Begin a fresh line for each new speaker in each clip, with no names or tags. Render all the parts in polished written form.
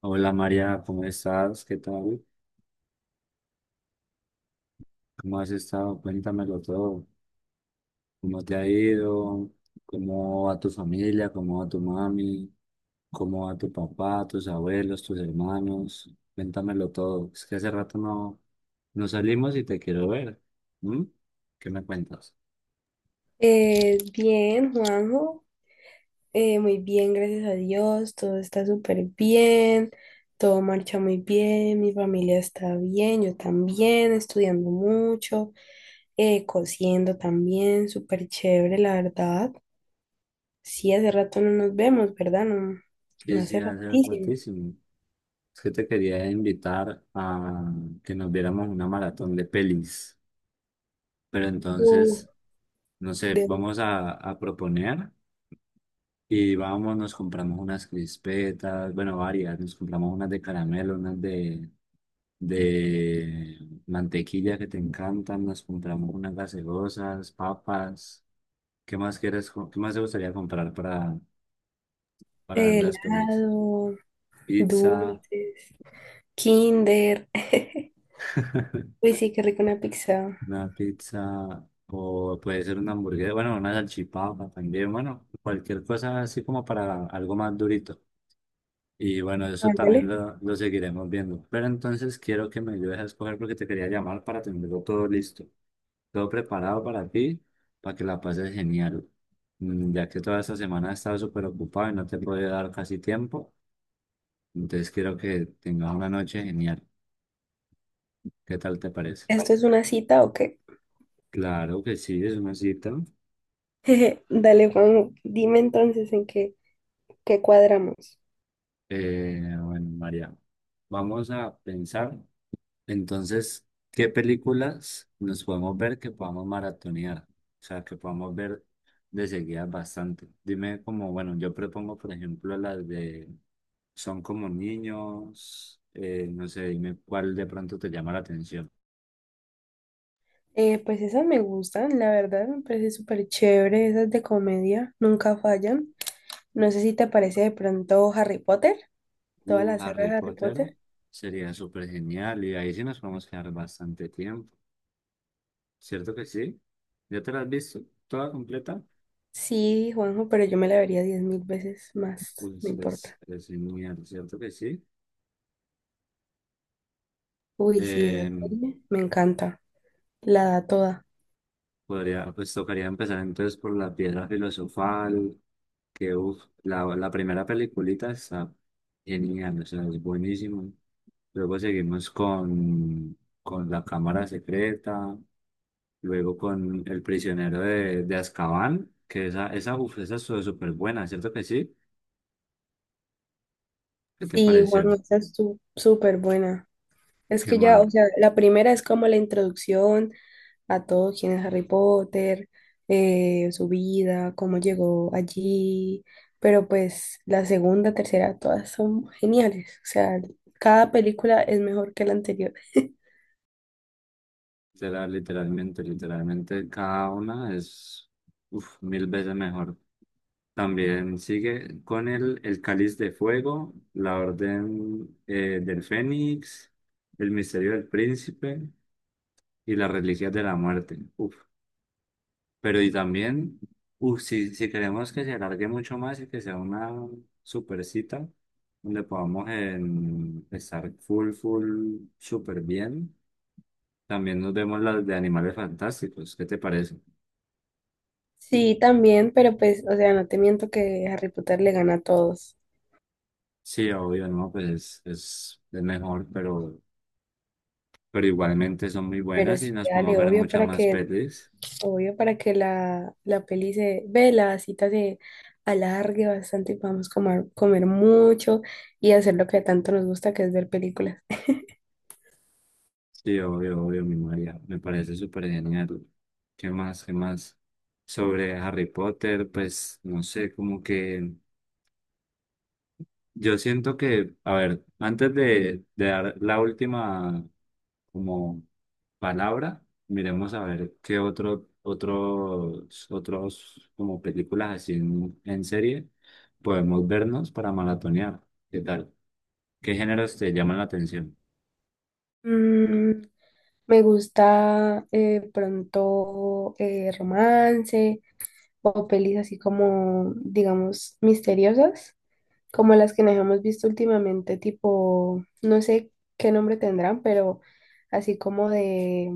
Hola María, ¿cómo estás? ¿Qué tal? ¿Cómo has estado? Cuéntamelo todo. ¿Cómo te ha ido? ¿Cómo va tu familia? ¿Cómo va tu mami? ¿Cómo va tu papá, tus abuelos, tus hermanos? Cuéntamelo todo. Es que hace rato no salimos y te quiero ver. ¿Mm? ¿Qué me cuentas?
Bien, Juanjo, muy bien, gracias a Dios, todo está súper bien, todo marcha muy bien, mi familia está bien, yo también, estudiando mucho, cosiendo también, súper chévere, la verdad. Sí, hace rato no nos vemos, ¿verdad? No, no
Sí, sí,
hace
hace
ratísimo.
ratísimo. Es que te quería invitar a que nos viéramos una maratón de pelis. Pero
Uh,
entonces, no sé,
de
vamos a proponer. Y vamos, nos compramos unas crispetas, bueno, varias, nos compramos unas de caramelo, unas de mantequilla que te encantan, nos compramos unas gaseosas, papas. ¿Qué más quieres, qué más te gustaría comprar para ver las pelis?
helado,
Pizza,
dulces, kinder. Uy, sí, qué rico una pizza.
una pizza, o puede ser una hamburguesa, bueno, una salchipapa también, bueno, cualquier cosa así como para algo más durito. Y bueno, eso
Ándale,
también lo seguiremos viendo. Pero entonces quiero que me ayudes a escoger porque te quería llamar para tenerlo todo listo, todo preparado para ti, para que la pases genial. Mm, ya que toda esta semana he estado súper ocupado y no te he podido dar casi tiempo, entonces quiero que tengas una noche genial. ¿Qué tal te parece?
¿esto es una cita o qué?
Claro que sí, es una cita.
Dale, Juan, dime entonces qué cuadramos.
Bueno, María, vamos a pensar. Entonces, ¿qué películas nos podemos ver que podamos maratonear? O sea, que podamos ver de seguida bastante. Dime como, bueno, yo propongo, por ejemplo, las de Son como niños, no sé, dime cuál de pronto te llama la atención.
Pues esas me gustan, la verdad, me parece súper chévere, esas de comedia, nunca fallan. No sé si te parece de pronto Harry Potter, toda la saga
Harry
de Harry
Potter
Potter.
sería súper genial y ahí sí nos podemos quedar bastante tiempo. ¿Cierto que sí? ¿Ya te la has visto toda completa?
Sí, Juanjo, pero yo me la vería 10.000 veces más, no
Pues
importa.
es genial, ¿cierto que sí?
Uy, sí, esa
Em,
serie me encanta, la da toda.
Podría, pues tocaría empezar entonces por la piedra filosofal, que uf, la primera peliculita está genial, o sea, es buenísimo. Luego con la cámara secreta, luego con el prisionero de Azkaban, que esa, uf, esa estuvo súper buena, ¿cierto que sí? ¿Qué te
Sí, Juanjo,
pareció?
esa es súper buena. Es
Qué
que ya, o
mal,
sea, la primera es como la introducción a todo quién es Harry Potter, su vida, cómo llegó allí, pero pues la segunda, tercera, todas son geniales, o sea, cada película es mejor que la anterior.
literalmente, literalmente cada una es uf, mil veces mejor. También sigue con el Cáliz de Fuego, la Orden del Fénix, el Misterio del Príncipe y las Reliquias de la Muerte. Uf. Pero y también, uf, si queremos que se alargue mucho más y que sea una super cita, donde podamos estar full, full, súper bien, también nos vemos las de Animales Fantásticos. ¿Qué te parece?
Sí, también, pero pues, o sea, no te miento que Harry Potter le gana a todos,
Sí, obvio, no, pues es es mejor, pero igualmente son muy
pero
buenas y
sí,
nos podemos
dale,
ver
obvio,
muchas
para
más
que
pelis.
Obvio, para que la peli se ve, la cita se alargue bastante y podamos comer, comer mucho y hacer lo que tanto nos gusta, que es ver películas.
Sí, obvio, obvio, mi María, me parece súper genial. ¿Qué más? ¿Qué más? Sobre Harry Potter, pues no sé, como que yo siento que, a ver, antes de dar la última como palabra, miremos a ver qué otro, otros, otros como películas así en serie podemos vernos para maratonear. ¿Qué tal? ¿Qué géneros te llaman la atención?
Mm, me gusta pronto romance o pelis así como, digamos, misteriosas, como las que nos hemos visto últimamente, tipo, no sé qué nombre tendrán, pero así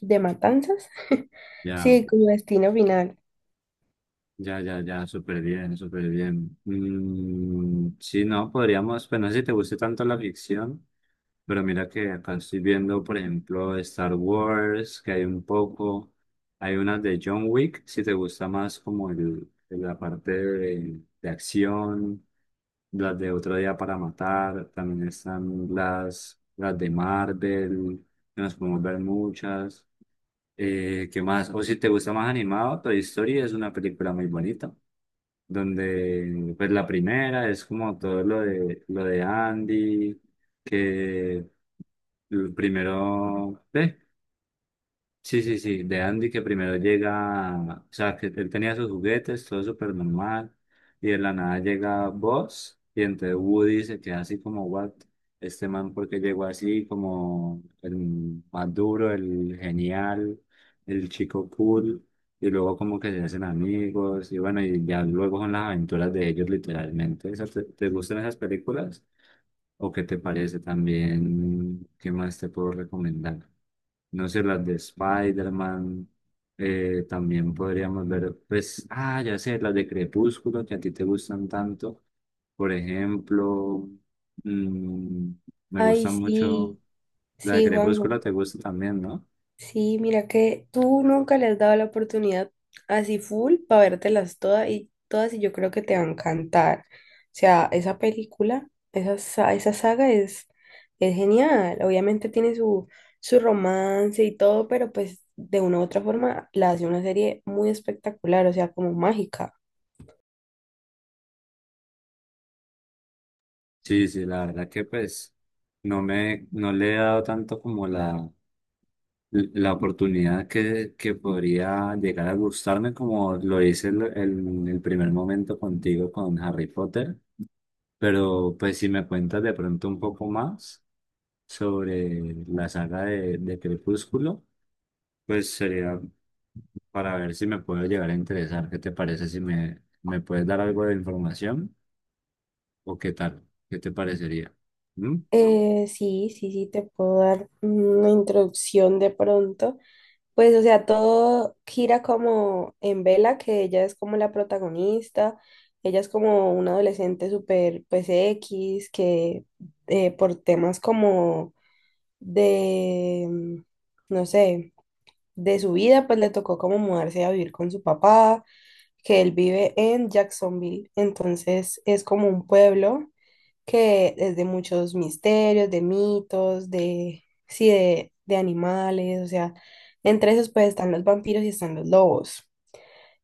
de matanzas.
Ya,
Sí, como destino final.
ya, súper bien, súper bien. Mm, sí, no, podríamos, pues no sé si te guste tanto la ficción, pero mira que acá estoy viendo, por ejemplo, Star Wars, que hay un poco, hay unas de John Wick, si te gusta más como la parte de acción, las de Otro Día para Matar, también están las de Marvel, que nos podemos ver muchas. ¿Qué más? O si te gusta más animado, Toy Story es una película muy bonita, donde pues la primera es como todo lo de Andy, que primero, ¿eh? Sí, sí, sí, de Andy que primero llega, o sea, que él tenía sus juguetes, todo súper normal, y de la nada llega Buzz, y entonces Woody se queda así como, what, este man porque llegó así como el más duro, el genial, el chico cool, y luego como que se hacen amigos y bueno, y ya luego son las aventuras de ellos literalmente. O ¿te, te gustan esas películas? ¿O qué te parece también? ¿Qué más te puedo recomendar? No sé, las de Spider-Man, también podríamos ver, pues, ah, ya sé, las de Crepúsculo que a ti te gustan tanto. Por ejemplo, mm, me
Ay,
gusta mucho
sí,
la de
sí,
Crepúsculo,
Juanjo.
te gusta también, ¿no?
Sí, mira que tú nunca le has dado la oportunidad así full para vértelas todas y todas y yo creo que te va a encantar. O sea, esa película, esa esa saga es genial. Obviamente tiene su romance y todo, pero pues de una u otra forma la hace una serie muy espectacular, o sea, como mágica.
Sí, sí, la verdad que pues no me, no le he dado tanto como la oportunidad que podría llegar a gustarme como lo hice en en el primer momento contigo con Harry Potter, pero pues si me cuentas de pronto un poco más sobre la saga de Crepúsculo, pues sería para ver si me puedo llegar a interesar. ¿Qué te parece si me puedes dar algo de información o qué tal? ¿Qué te parecería? ¿Mm?
Sí, sí, sí, te puedo dar una introducción de pronto. Pues, o sea, todo gira como en Vela, que ella es como la protagonista, ella es como una adolescente súper, pues, X, que por temas como de, mm, no sé, de su vida, pues le tocó como mudarse a vivir con su papá, que él vive en Jacksonville, entonces es como un pueblo que desde muchos misterios, de mitos, de, sí, de animales, o sea, entre esos pues están los vampiros y están los lobos.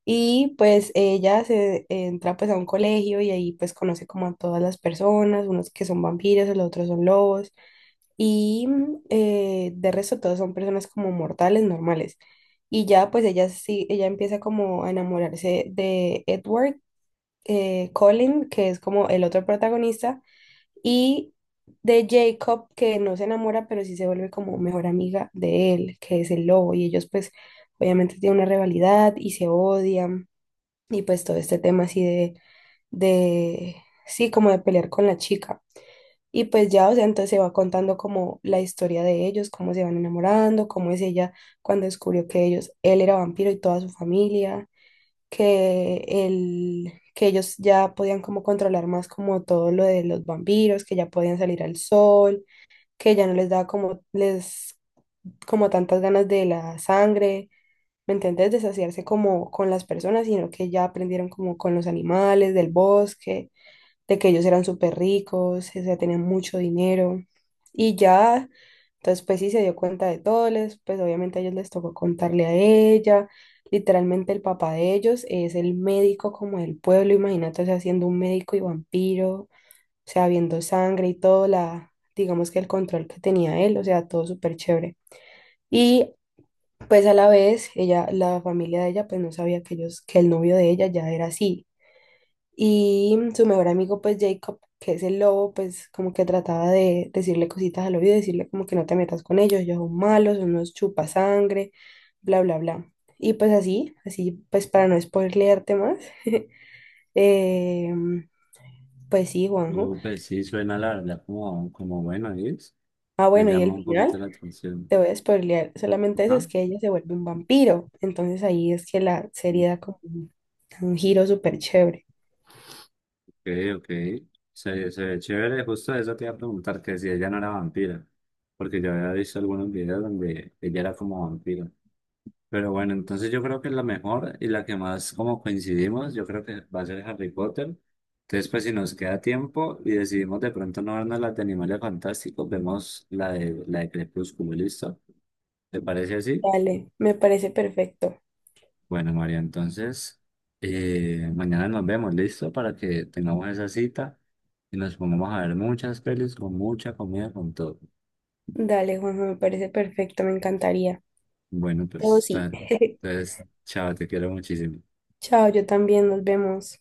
Y pues ella se entra pues a un colegio y ahí pues conoce como a todas las personas, unos que son vampiros, los otros son lobos y de resto todos son personas como mortales, normales. Y ya pues ella sí, ella empieza como a enamorarse de Edward Cullen, que es como el otro protagonista, y de Jacob, que no se enamora, pero sí se vuelve como mejor amiga de él, que es el lobo, y ellos pues obviamente tienen una rivalidad y se odian, y pues todo este tema así de, sí, como de pelear con la chica. Y pues ya, o sea, entonces se va contando como la historia de ellos, cómo se van enamorando, cómo es ella cuando descubrió que ellos, él era vampiro y toda su familia que ellos ya podían como controlar más como todo lo de los vampiros, que ya podían salir al sol, que ya no les daba como tantas ganas de la sangre, ¿me entendés? De saciarse como con las personas, sino que ya aprendieron como con los animales del bosque de que ellos eran súper ricos, o sea, tenían mucho dinero. Y ya, entonces pues sí, se dio cuenta de todo. Pues obviamente a ellos les tocó contarle a ella. Literalmente el papá de ellos es el médico como del pueblo, imagínate, o sea, siendo un médico y vampiro, o sea, viendo sangre y todo, digamos que el control que tenía él, o sea, todo súper chévere. Y pues a la vez, ella, la familia de ella, pues no sabía que ellos, que el novio de ella ya era así. Y su mejor amigo, pues Jacob, que es el lobo, pues como que trataba de decirle cositas al oído, decirle como que no te metas con ellos, ellos son malos, son unos chupasangre, bla, bla, bla. Y pues así, así, pues para no spoilearte más, eh, pues sí, Juanjo.
Pues sí, suena la verdad como, como bueno, es.
Ah,
Me
bueno, y
llama
el
un poquito
final,
la atención.
te voy a spoilear solamente eso, es
Ajá.
que ella se vuelve un vampiro. Entonces ahí es que la
Ok,
serie da como un giro súper chévere.
ok. Se ve chévere. Justo eso te iba a preguntar, que si ella no era vampira. Porque yo había visto algunos videos donde ella era como vampira. Pero bueno, entonces yo creo que la mejor y la que más como coincidimos, yo creo que va a ser Harry Potter. Entonces, pues si nos queda tiempo y decidimos de pronto no vernos la de Animales Fantásticos, vemos la de Crepúsculo, ¿listo? ¿Te parece así?
Vale, me parece perfecto.
Bueno, María, entonces mañana nos vemos, ¿listo? Para que tengamos esa cita y nos pongamos a ver muchas pelis con mucha comida, con todo.
Dale, Juanjo, me parece perfecto, me encantaría.
Bueno,
Oh,
pues,
sí.
entonces, chao, te quiero muchísimo.
Chao, yo también, nos vemos.